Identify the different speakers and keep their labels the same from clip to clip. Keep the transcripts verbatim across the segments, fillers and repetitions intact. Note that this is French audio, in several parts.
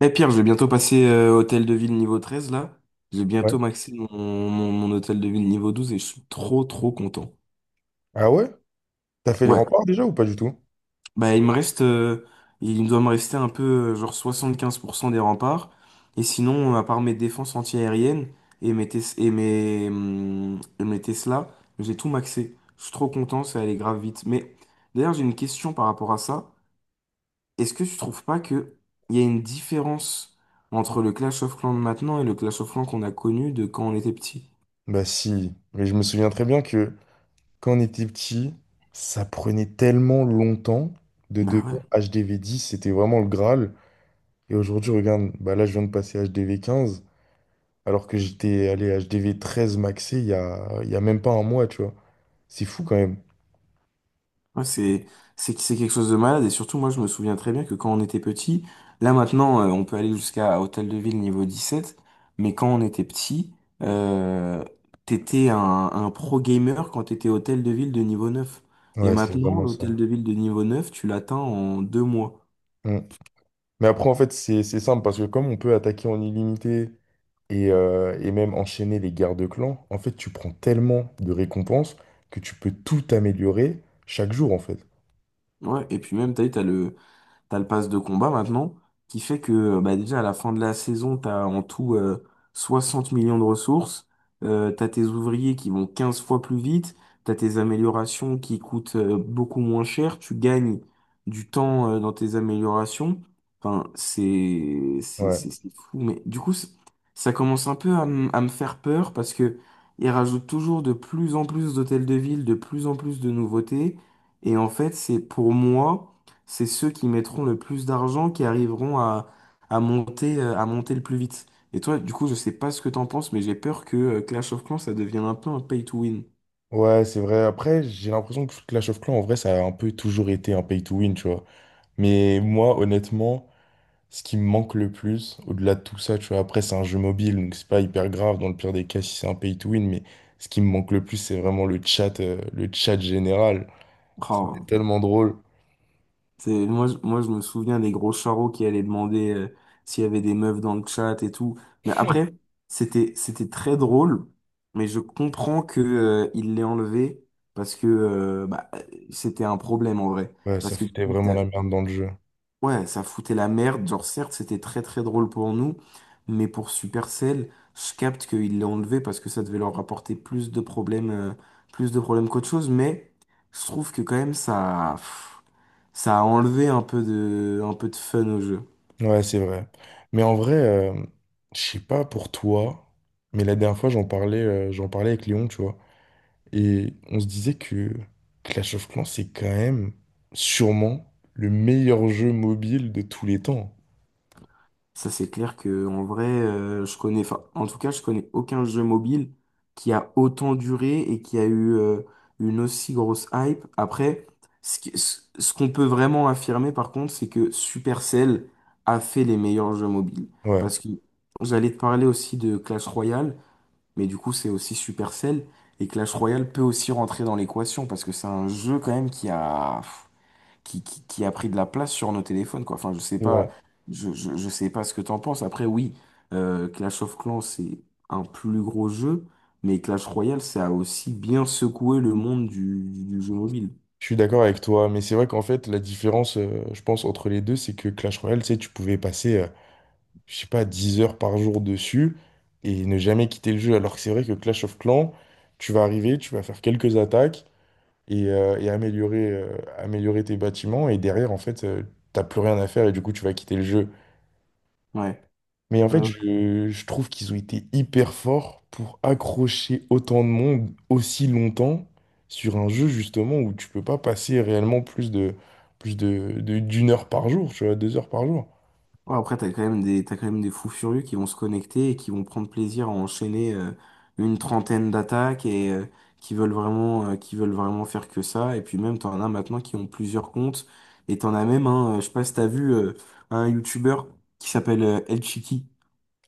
Speaker 1: Mais Pierre, je vais bientôt passer euh, hôtel de ville niveau treize là. Je vais
Speaker 2: Ouais.
Speaker 1: bientôt maxer mon, mon, mon hôtel de ville niveau douze et je suis trop trop content.
Speaker 2: Ah ouais? T'as fait les
Speaker 1: Ouais.
Speaker 2: remparts déjà ou pas du tout?
Speaker 1: Bah, il me reste euh, il doit me rester un peu euh, genre soixante-quinze pour cent des remparts. Et sinon, à part mes défenses antiaériennes et mes, tes- et mes, hum, et mes Tesla, j'ai tout maxé. Je suis trop content, ça allait grave vite. Mais d'ailleurs j'ai une question par rapport à ça. Est-ce que tu trouves pas que il y a une différence entre le Clash of Clans de maintenant et le Clash of Clans qu'on a connu de quand on était petit?
Speaker 2: Bah si, mais je me souviens très bien que quand on était petit, ça prenait tellement longtemps de
Speaker 1: Bah
Speaker 2: devenir
Speaker 1: ouais.
Speaker 2: H D V dix, c'était vraiment le Graal. Et aujourd'hui, regarde, bah là je viens de passer H D V quinze, alors que j'étais allé H D V treize maxé il y a, il y a même pas un mois, tu vois. C'est fou quand même.
Speaker 1: Ouais, c'est c'est c'est quelque chose de malade et surtout moi je me souviens très bien que quand on était petit, là maintenant euh, on peut aller jusqu'à Hôtel de Ville niveau dix-sept, mais quand on était petit, euh, t'étais un, un pro gamer quand t'étais Hôtel de Ville de niveau neuf. Et
Speaker 2: Ouais, c'est
Speaker 1: maintenant
Speaker 2: vraiment ça.
Speaker 1: l'Hôtel de Ville de niveau neuf tu l'atteins en deux mois.
Speaker 2: Mm. Mais après, en fait, c'est c'est simple parce que comme on peut attaquer en illimité et, euh, et même enchaîner les guerres de clans, en fait, tu prends tellement de récompenses que tu peux tout améliorer chaque jour, en fait.
Speaker 1: Ouais, et puis même, t'as vu, t'as le, T'as le pass de combat maintenant, qui fait que euh, bah, déjà à la fin de la saison, t'as en tout euh, soixante millions de ressources, euh, t'as tes ouvriers qui vont quinze fois plus vite, t'as tes améliorations qui coûtent euh, beaucoup moins cher, tu gagnes du temps euh, dans tes améliorations. Enfin, c'est c'est
Speaker 2: Ouais,
Speaker 1: c'est c'est fou, mais du coup, c'est- ça commence un peu à, m- à me faire peur parce que ils rajoutent toujours de plus en plus d'hôtels de ville, de plus en plus de nouveautés, et en fait, c'est pour moi c'est ceux qui mettront le plus d'argent qui arriveront à, à monter, euh, à monter le plus vite. Et toi, du coup, je sais pas ce que t'en penses, mais j'ai peur que euh, Clash of Clans, ça devienne un peu un pay to win.
Speaker 2: ouais, c'est vrai. Après, j'ai l'impression que Clash of Clans, en vrai, ça a un peu toujours été un pay to win, tu vois. Mais moi, honnêtement, ce qui me manque le plus, au-delà de tout ça, tu vois, après, c'est un jeu mobile, donc c'est pas hyper grave dans le pire des cas si c'est un pay to win, mais ce qui me manque le plus, c'est vraiment le chat, euh, le chat général. C'était
Speaker 1: Oh,
Speaker 2: tellement drôle.
Speaker 1: c'est, moi, je- moi, je me souviens des gros charros qui allaient demander euh, s'il y avait des meufs dans le chat et tout. Mais après, c'était, c'était très drôle, mais je comprends que, euh, il l'ait enlevé parce que euh, bah, c'était un problème en vrai.
Speaker 2: Ouais, ça
Speaker 1: Parce que du
Speaker 2: foutait
Speaker 1: coup,
Speaker 2: vraiment la merde dans le jeu.
Speaker 1: Ouais, ça foutait la merde. Genre, certes, c'était très très drôle pour nous, mais pour Supercell, je capte qu'ils l'ont enlevé parce que ça devait leur rapporter plus de problèmes, euh, plus de problèmes qu'autre chose. Mais je trouve que quand même ça, pff, ça a enlevé un peu de, un peu de fun au jeu.
Speaker 2: Ouais, c'est vrai. Mais en vrai, euh, je sais pas pour toi, mais la dernière fois, j'en parlais, euh, j'en parlais avec Léon, tu vois. Et on se disait que Clash of Clans, c'est quand même sûrement le meilleur jeu mobile de tous les temps.
Speaker 1: Ça, c'est clair que en vrai, euh, je connais, enfin, en tout cas, je connais aucun jeu mobile qui a autant duré et qui a eu euh, une aussi grosse hype. Après, ce qui- ce- ce qu'on peut vraiment affirmer, par contre, c'est que Supercell a fait les meilleurs jeux mobiles.
Speaker 2: Ouais,
Speaker 1: Parce que j'allais te parler aussi de Clash Royale, mais du coup, c'est aussi Supercell. Et Clash Royale peut aussi rentrer dans l'équation parce que c'est un jeu quand même qui a qui, qui, qui a pris de la place sur nos téléphones, quoi. Enfin, je sais
Speaker 2: c'est
Speaker 1: pas,
Speaker 2: vrai.
Speaker 1: je, je, je sais pas ce que t'en penses. Après, oui, euh, Clash of Clans, c'est un plus gros jeu, mais Clash Royale, ça a aussi bien secoué le monde du, du, jeu mobile.
Speaker 2: Je suis d'accord avec toi, mais c'est vrai qu'en fait, la différence, euh, je pense, entre les deux, c'est que Clash Royale, tu sais, tu pouvais passer, euh, je sais pas, dix heures par jour dessus et ne jamais quitter le jeu. Alors que c'est vrai que Clash of Clans, tu vas arriver, tu vas faire quelques attaques, et, euh, et améliorer, euh, améliorer tes bâtiments. Et derrière, en fait, euh, t'as plus rien à faire et du coup, tu vas quitter le jeu.
Speaker 1: Ouais,
Speaker 2: Mais en
Speaker 1: ouais,
Speaker 2: fait, je, je trouve qu'ils ont été hyper forts pour accrocher autant de monde aussi longtemps sur un jeu, justement, où tu peux pas passer réellement plus de, plus de, de- d'une heure par jour, tu vois, deux heures par jour.
Speaker 1: ouais. Après, t'as quand même des, t'as quand même des fous furieux qui vont se connecter et qui vont prendre plaisir à enchaîner euh, une trentaine d'attaques et euh, qui veulent vraiment, euh, qui veulent vraiment faire que ça. Et puis même, t'en as maintenant qui ont plusieurs comptes. Et t'en as même un, euh, je sais pas si t'as vu euh, un YouTuber qui s'appelle euh, El Chiqui.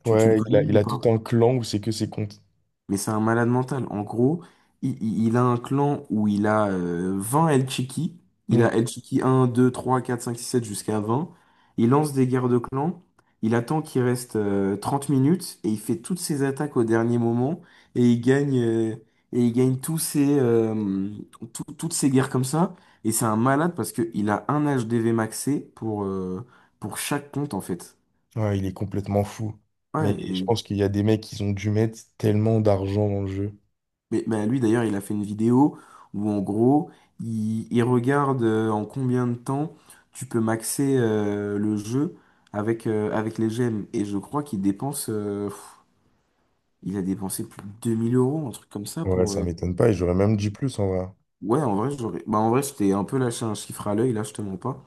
Speaker 1: Tu, tu le
Speaker 2: Ouais, il
Speaker 1: connais
Speaker 2: a, il
Speaker 1: lui, ou
Speaker 2: a
Speaker 1: pas?
Speaker 2: tout un clan où c'est que ses comptes.
Speaker 1: Mais c'est un malade mental. En gros, il, il- il a un clan où il a euh, vingt El Chiqui. Il
Speaker 2: Hmm.
Speaker 1: a El Chiqui un, deux, trois, quatre, cinq, six, sept jusqu'à vingt. Il lance des guerres de clans. Il attend qu'il reste euh, trente minutes et il fait toutes ses attaques au dernier moment. Et il gagne, euh, et il gagne tous ses, euh, tout- toutes ses guerres comme ça. Et c'est un malade parce qu'il a un H D V maxé pour, euh, pour chaque compte en fait.
Speaker 2: Ouais, il est complètement fou. Mais je
Speaker 1: Ouais.
Speaker 2: pense qu'il y a des mecs qui ont dû mettre tellement d'argent dans le jeu.
Speaker 1: Mais bah, lui d'ailleurs, il a fait une vidéo où en gros, il, il regarde euh, en combien de temps tu peux maxer euh, le jeu avec, euh, avec les gemmes. Et je crois qu'il dépense, euh, pff, il a dépensé plus de deux mille euros, un truc comme ça
Speaker 2: Ouais,
Speaker 1: pour.
Speaker 2: ça
Speaker 1: euh,
Speaker 2: m'étonne pas, et j'aurais même dit plus en vrai.
Speaker 1: Ouais, en vrai, j'aurais. Bah, en vrai, je t'ai un peu lâché un chiffre à l'œil, là, je te mens pas.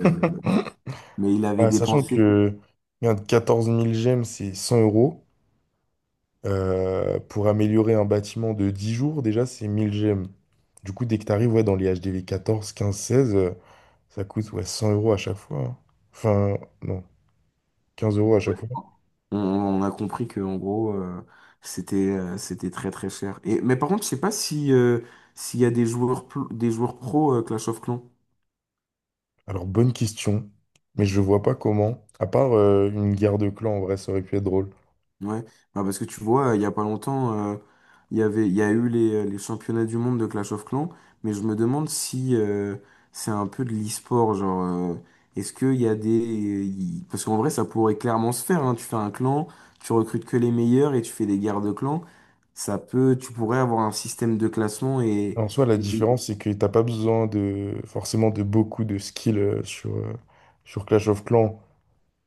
Speaker 1: Euh, mais il avait
Speaker 2: Ouais, sachant
Speaker 1: dépensé.
Speaker 2: que regarde, quatorze mille gemmes, c'est cent euros. Euh, pour améliorer un bâtiment de dix jours, déjà, c'est mille gemmes. Du coup, dès que tu arrives ouais, dans les H D V quatorze quinze seize euh, ça coûte ouais, cent euros à chaque fois, hein. Enfin, non, quinze euros à
Speaker 1: Ouais.
Speaker 2: chaque fois.
Speaker 1: On, on a compris que en gros euh, c'était euh, c'était très très cher. Et mais par contre, je sais pas si euh, s'il y a des joueurs pl- des joueurs pro euh, Clash of Clans.
Speaker 2: Alors, bonne question, mais je vois pas comment. À part euh, une guerre de clans, en vrai, ça aurait pu être drôle.
Speaker 1: Ouais. Bah, parce que tu vois, il y a pas longtemps, euh, il y avait, il y a eu les, euh, les championnats du monde de Clash of Clans, mais je me demande si euh, c'est un peu de l'e-sport, genre, euh, est-ce qu'il y a des... il- Parce qu'en vrai, ça pourrait clairement se faire, hein. Tu fais un clan, tu recrutes que les meilleurs et tu fais des guerres de clans, ça peut, tu pourrais avoir un système de classement et...
Speaker 2: En soi, la
Speaker 1: et des-
Speaker 2: différence, c'est que t'as pas besoin de forcément de beaucoup de skills euh, sur, euh, sur Clash of Clans.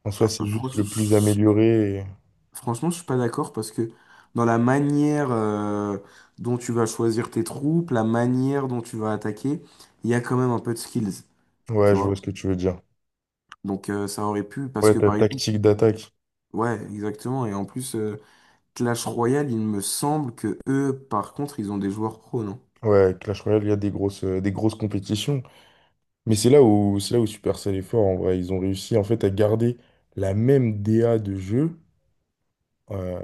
Speaker 2: En soi,
Speaker 1: ah,
Speaker 2: c'est juste
Speaker 1: franchement,
Speaker 2: le plus amélioré.
Speaker 1: Franchement, je suis pas d'accord parce que dans la manière euh, dont tu vas choisir tes troupes, la manière dont tu vas attaquer, il y a quand même un peu de skills,
Speaker 2: et-
Speaker 1: tu
Speaker 2: Ouais, je
Speaker 1: vois.
Speaker 2: vois ce que tu veux dire.
Speaker 1: Donc euh, ça aurait pu parce
Speaker 2: Ouais,
Speaker 1: que
Speaker 2: ta
Speaker 1: par exemple,
Speaker 2: tactique d'attaque.
Speaker 1: ouais, exactement. Et en plus, euh, Clash Royale, il me semble que eux, par contre, ils ont des joueurs pro, non?
Speaker 2: Ouais, Clash Royale, il y a des grosses, euh, des grosses compétitions. Mais c'est là où, c'est là où Supercell est fort, en vrai. Ils ont réussi, en fait, à garder la même D A de jeu, euh,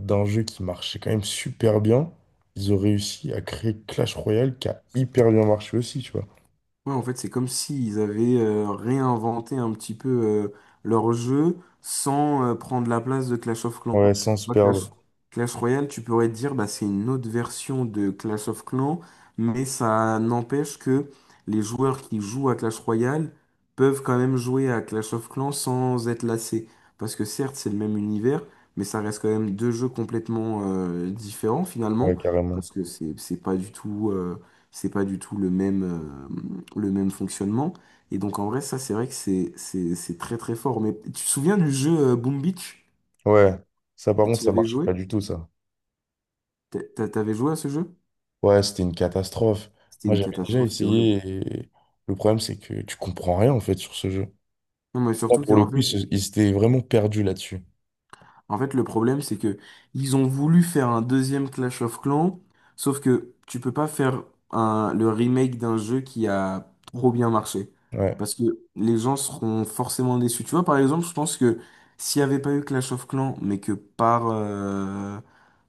Speaker 2: d'un jeu qui marchait quand même super bien. Ils ont réussi à créer Clash Royale qui a hyper bien marché aussi, tu vois.
Speaker 1: Ouais, en fait, c'est comme s'ils avaient euh, réinventé un petit peu euh, leur jeu sans euh, prendre la place de Clash of Clans.
Speaker 2: Ouais, sans
Speaker 1: Tu
Speaker 2: se
Speaker 1: vois,
Speaker 2: perdre.
Speaker 1: Clash, Clash Royale, tu pourrais te dire, bah, c'est une autre version de Clash of Clans, mais ça n'empêche que les joueurs qui jouent à Clash Royale peuvent quand même jouer à Clash of Clans sans être lassés. Parce que certes, c'est le même univers, mais ça reste quand même deux jeux complètement euh, différents
Speaker 2: Ouais,
Speaker 1: finalement,
Speaker 2: carrément.
Speaker 1: parce que c'est c'est pas du tout... euh, c'est pas du tout le même. euh, le même fonctionnement. Et donc, en vrai, ça, c'est vrai que c'est c'est- c'est très très fort. Mais tu te souviens du jeu euh, Boom Beach?
Speaker 2: Ouais. Ça, par contre,
Speaker 1: Tu y
Speaker 2: ça
Speaker 1: avais
Speaker 2: marchait
Speaker 1: joué?
Speaker 2: pas du tout, ça.
Speaker 1: T'a- t'a- T'avais joué à ce jeu?
Speaker 2: Ouais, c'était une catastrophe.
Speaker 1: C'était
Speaker 2: Moi,
Speaker 1: une
Speaker 2: j'avais déjà
Speaker 1: catastrophe, c'était
Speaker 2: essayé
Speaker 1: horrible.
Speaker 2: et le problème, c'est que tu comprends rien en fait sur ce jeu.
Speaker 1: Non, mais
Speaker 2: Là,
Speaker 1: surtout
Speaker 2: pour le
Speaker 1: qu'en
Speaker 2: coup, ils
Speaker 1: fait,
Speaker 2: se- ils s'étaient vraiment perdus là-dessus.
Speaker 1: en fait, le problème, c'est que ils ont voulu faire un deuxième Clash of Clans, sauf que tu peux pas faire un, le remake d'un jeu qui a trop bien marché.
Speaker 2: Ouais.
Speaker 1: Parce que les gens seront forcément déçus. Tu vois, par exemple, je pense que s'il n'y avait pas eu Clash of Clans, mais que par, euh,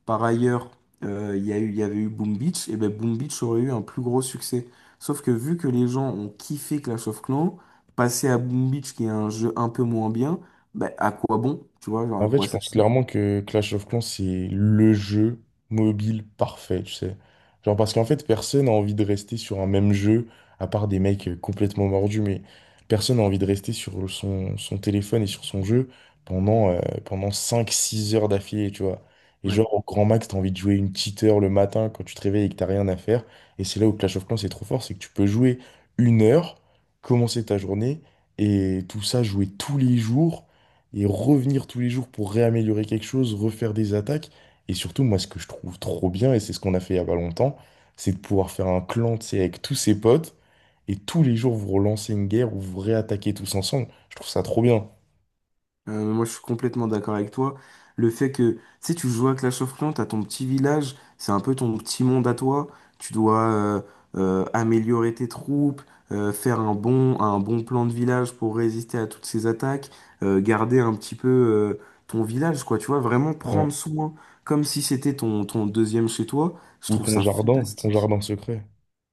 Speaker 1: par ailleurs, euh, il y a eu, il y avait eu Boom Beach, et ben Boom Beach aurait eu un plus gros succès. Sauf que vu que les gens ont kiffé Clash of Clans, passer à Boom Beach, qui est un jeu un peu moins bien, bah, à quoi bon, tu vois, genre à
Speaker 2: En fait,
Speaker 1: quoi
Speaker 2: je
Speaker 1: ça
Speaker 2: pense
Speaker 1: sert?
Speaker 2: clairement que Clash of Clans, c'est le jeu mobile parfait, tu sais. Genre, parce qu'en fait, personne n'a envie de rester sur un même jeu, à part des mecs euh, complètement mordus, mais personne n'a envie de rester sur son, son téléphone et sur son jeu pendant, euh, pendant cinq six heures d'affilée, tu vois. Et
Speaker 1: Ouais.
Speaker 2: genre, au grand max, t'as envie de jouer une petite heure le matin quand tu te réveilles et que t'as rien à faire. Et c'est là où Clash of Clans, c'est trop fort, c'est que tu peux jouer une heure, commencer ta journée, et tout ça, jouer tous les jours et revenir tous les jours pour réaméliorer quelque chose, refaire des attaques. Et surtout, moi, ce que je trouve trop bien, et c'est ce qu'on a fait il y a pas longtemps, c'est de pouvoir faire un clan, tu sais, avec tous ses potes, et tous les jours vous relancez une guerre ou vous réattaquez tous ensemble. Je trouve ça trop bien.
Speaker 1: Euh, moi, je suis complètement d'accord avec toi. Le fait que, tu sais, tu joues à Clash of Clans, t'as ton petit village, c'est un peu ton petit monde à toi. Tu dois euh, euh, améliorer tes troupes, euh, faire un bon, un bon plan de village pour résister à toutes ces attaques, euh, garder un petit peu euh, ton village, quoi. Tu vois, vraiment
Speaker 2: Ouais.
Speaker 1: prendre soin, comme si c'était ton, ton deuxième chez toi. Je
Speaker 2: Ou
Speaker 1: trouve
Speaker 2: ton
Speaker 1: ça
Speaker 2: jardin, ton
Speaker 1: fantastique.
Speaker 2: jardin secret.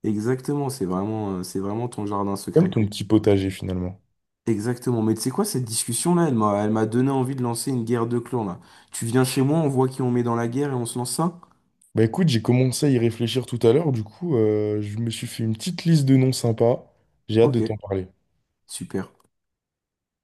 Speaker 1: Exactement, c'est vraiment, euh, c'est vraiment ton jardin
Speaker 2: Comme
Speaker 1: secret.
Speaker 2: ton petit potager finalement.
Speaker 1: Exactement, mais tu sais quoi, cette discussion-là, elle m'a, elle m'a donné envie de lancer une guerre de clans, là. Tu viens chez moi, on voit qui on met dans la guerre et on se lance ça?
Speaker 2: Bah écoute, j'ai commencé à y réfléchir tout à l'heure, du coup, euh, je me suis fait une petite liste de noms sympas. J'ai hâte de
Speaker 1: Ok,
Speaker 2: t'en parler.
Speaker 1: super.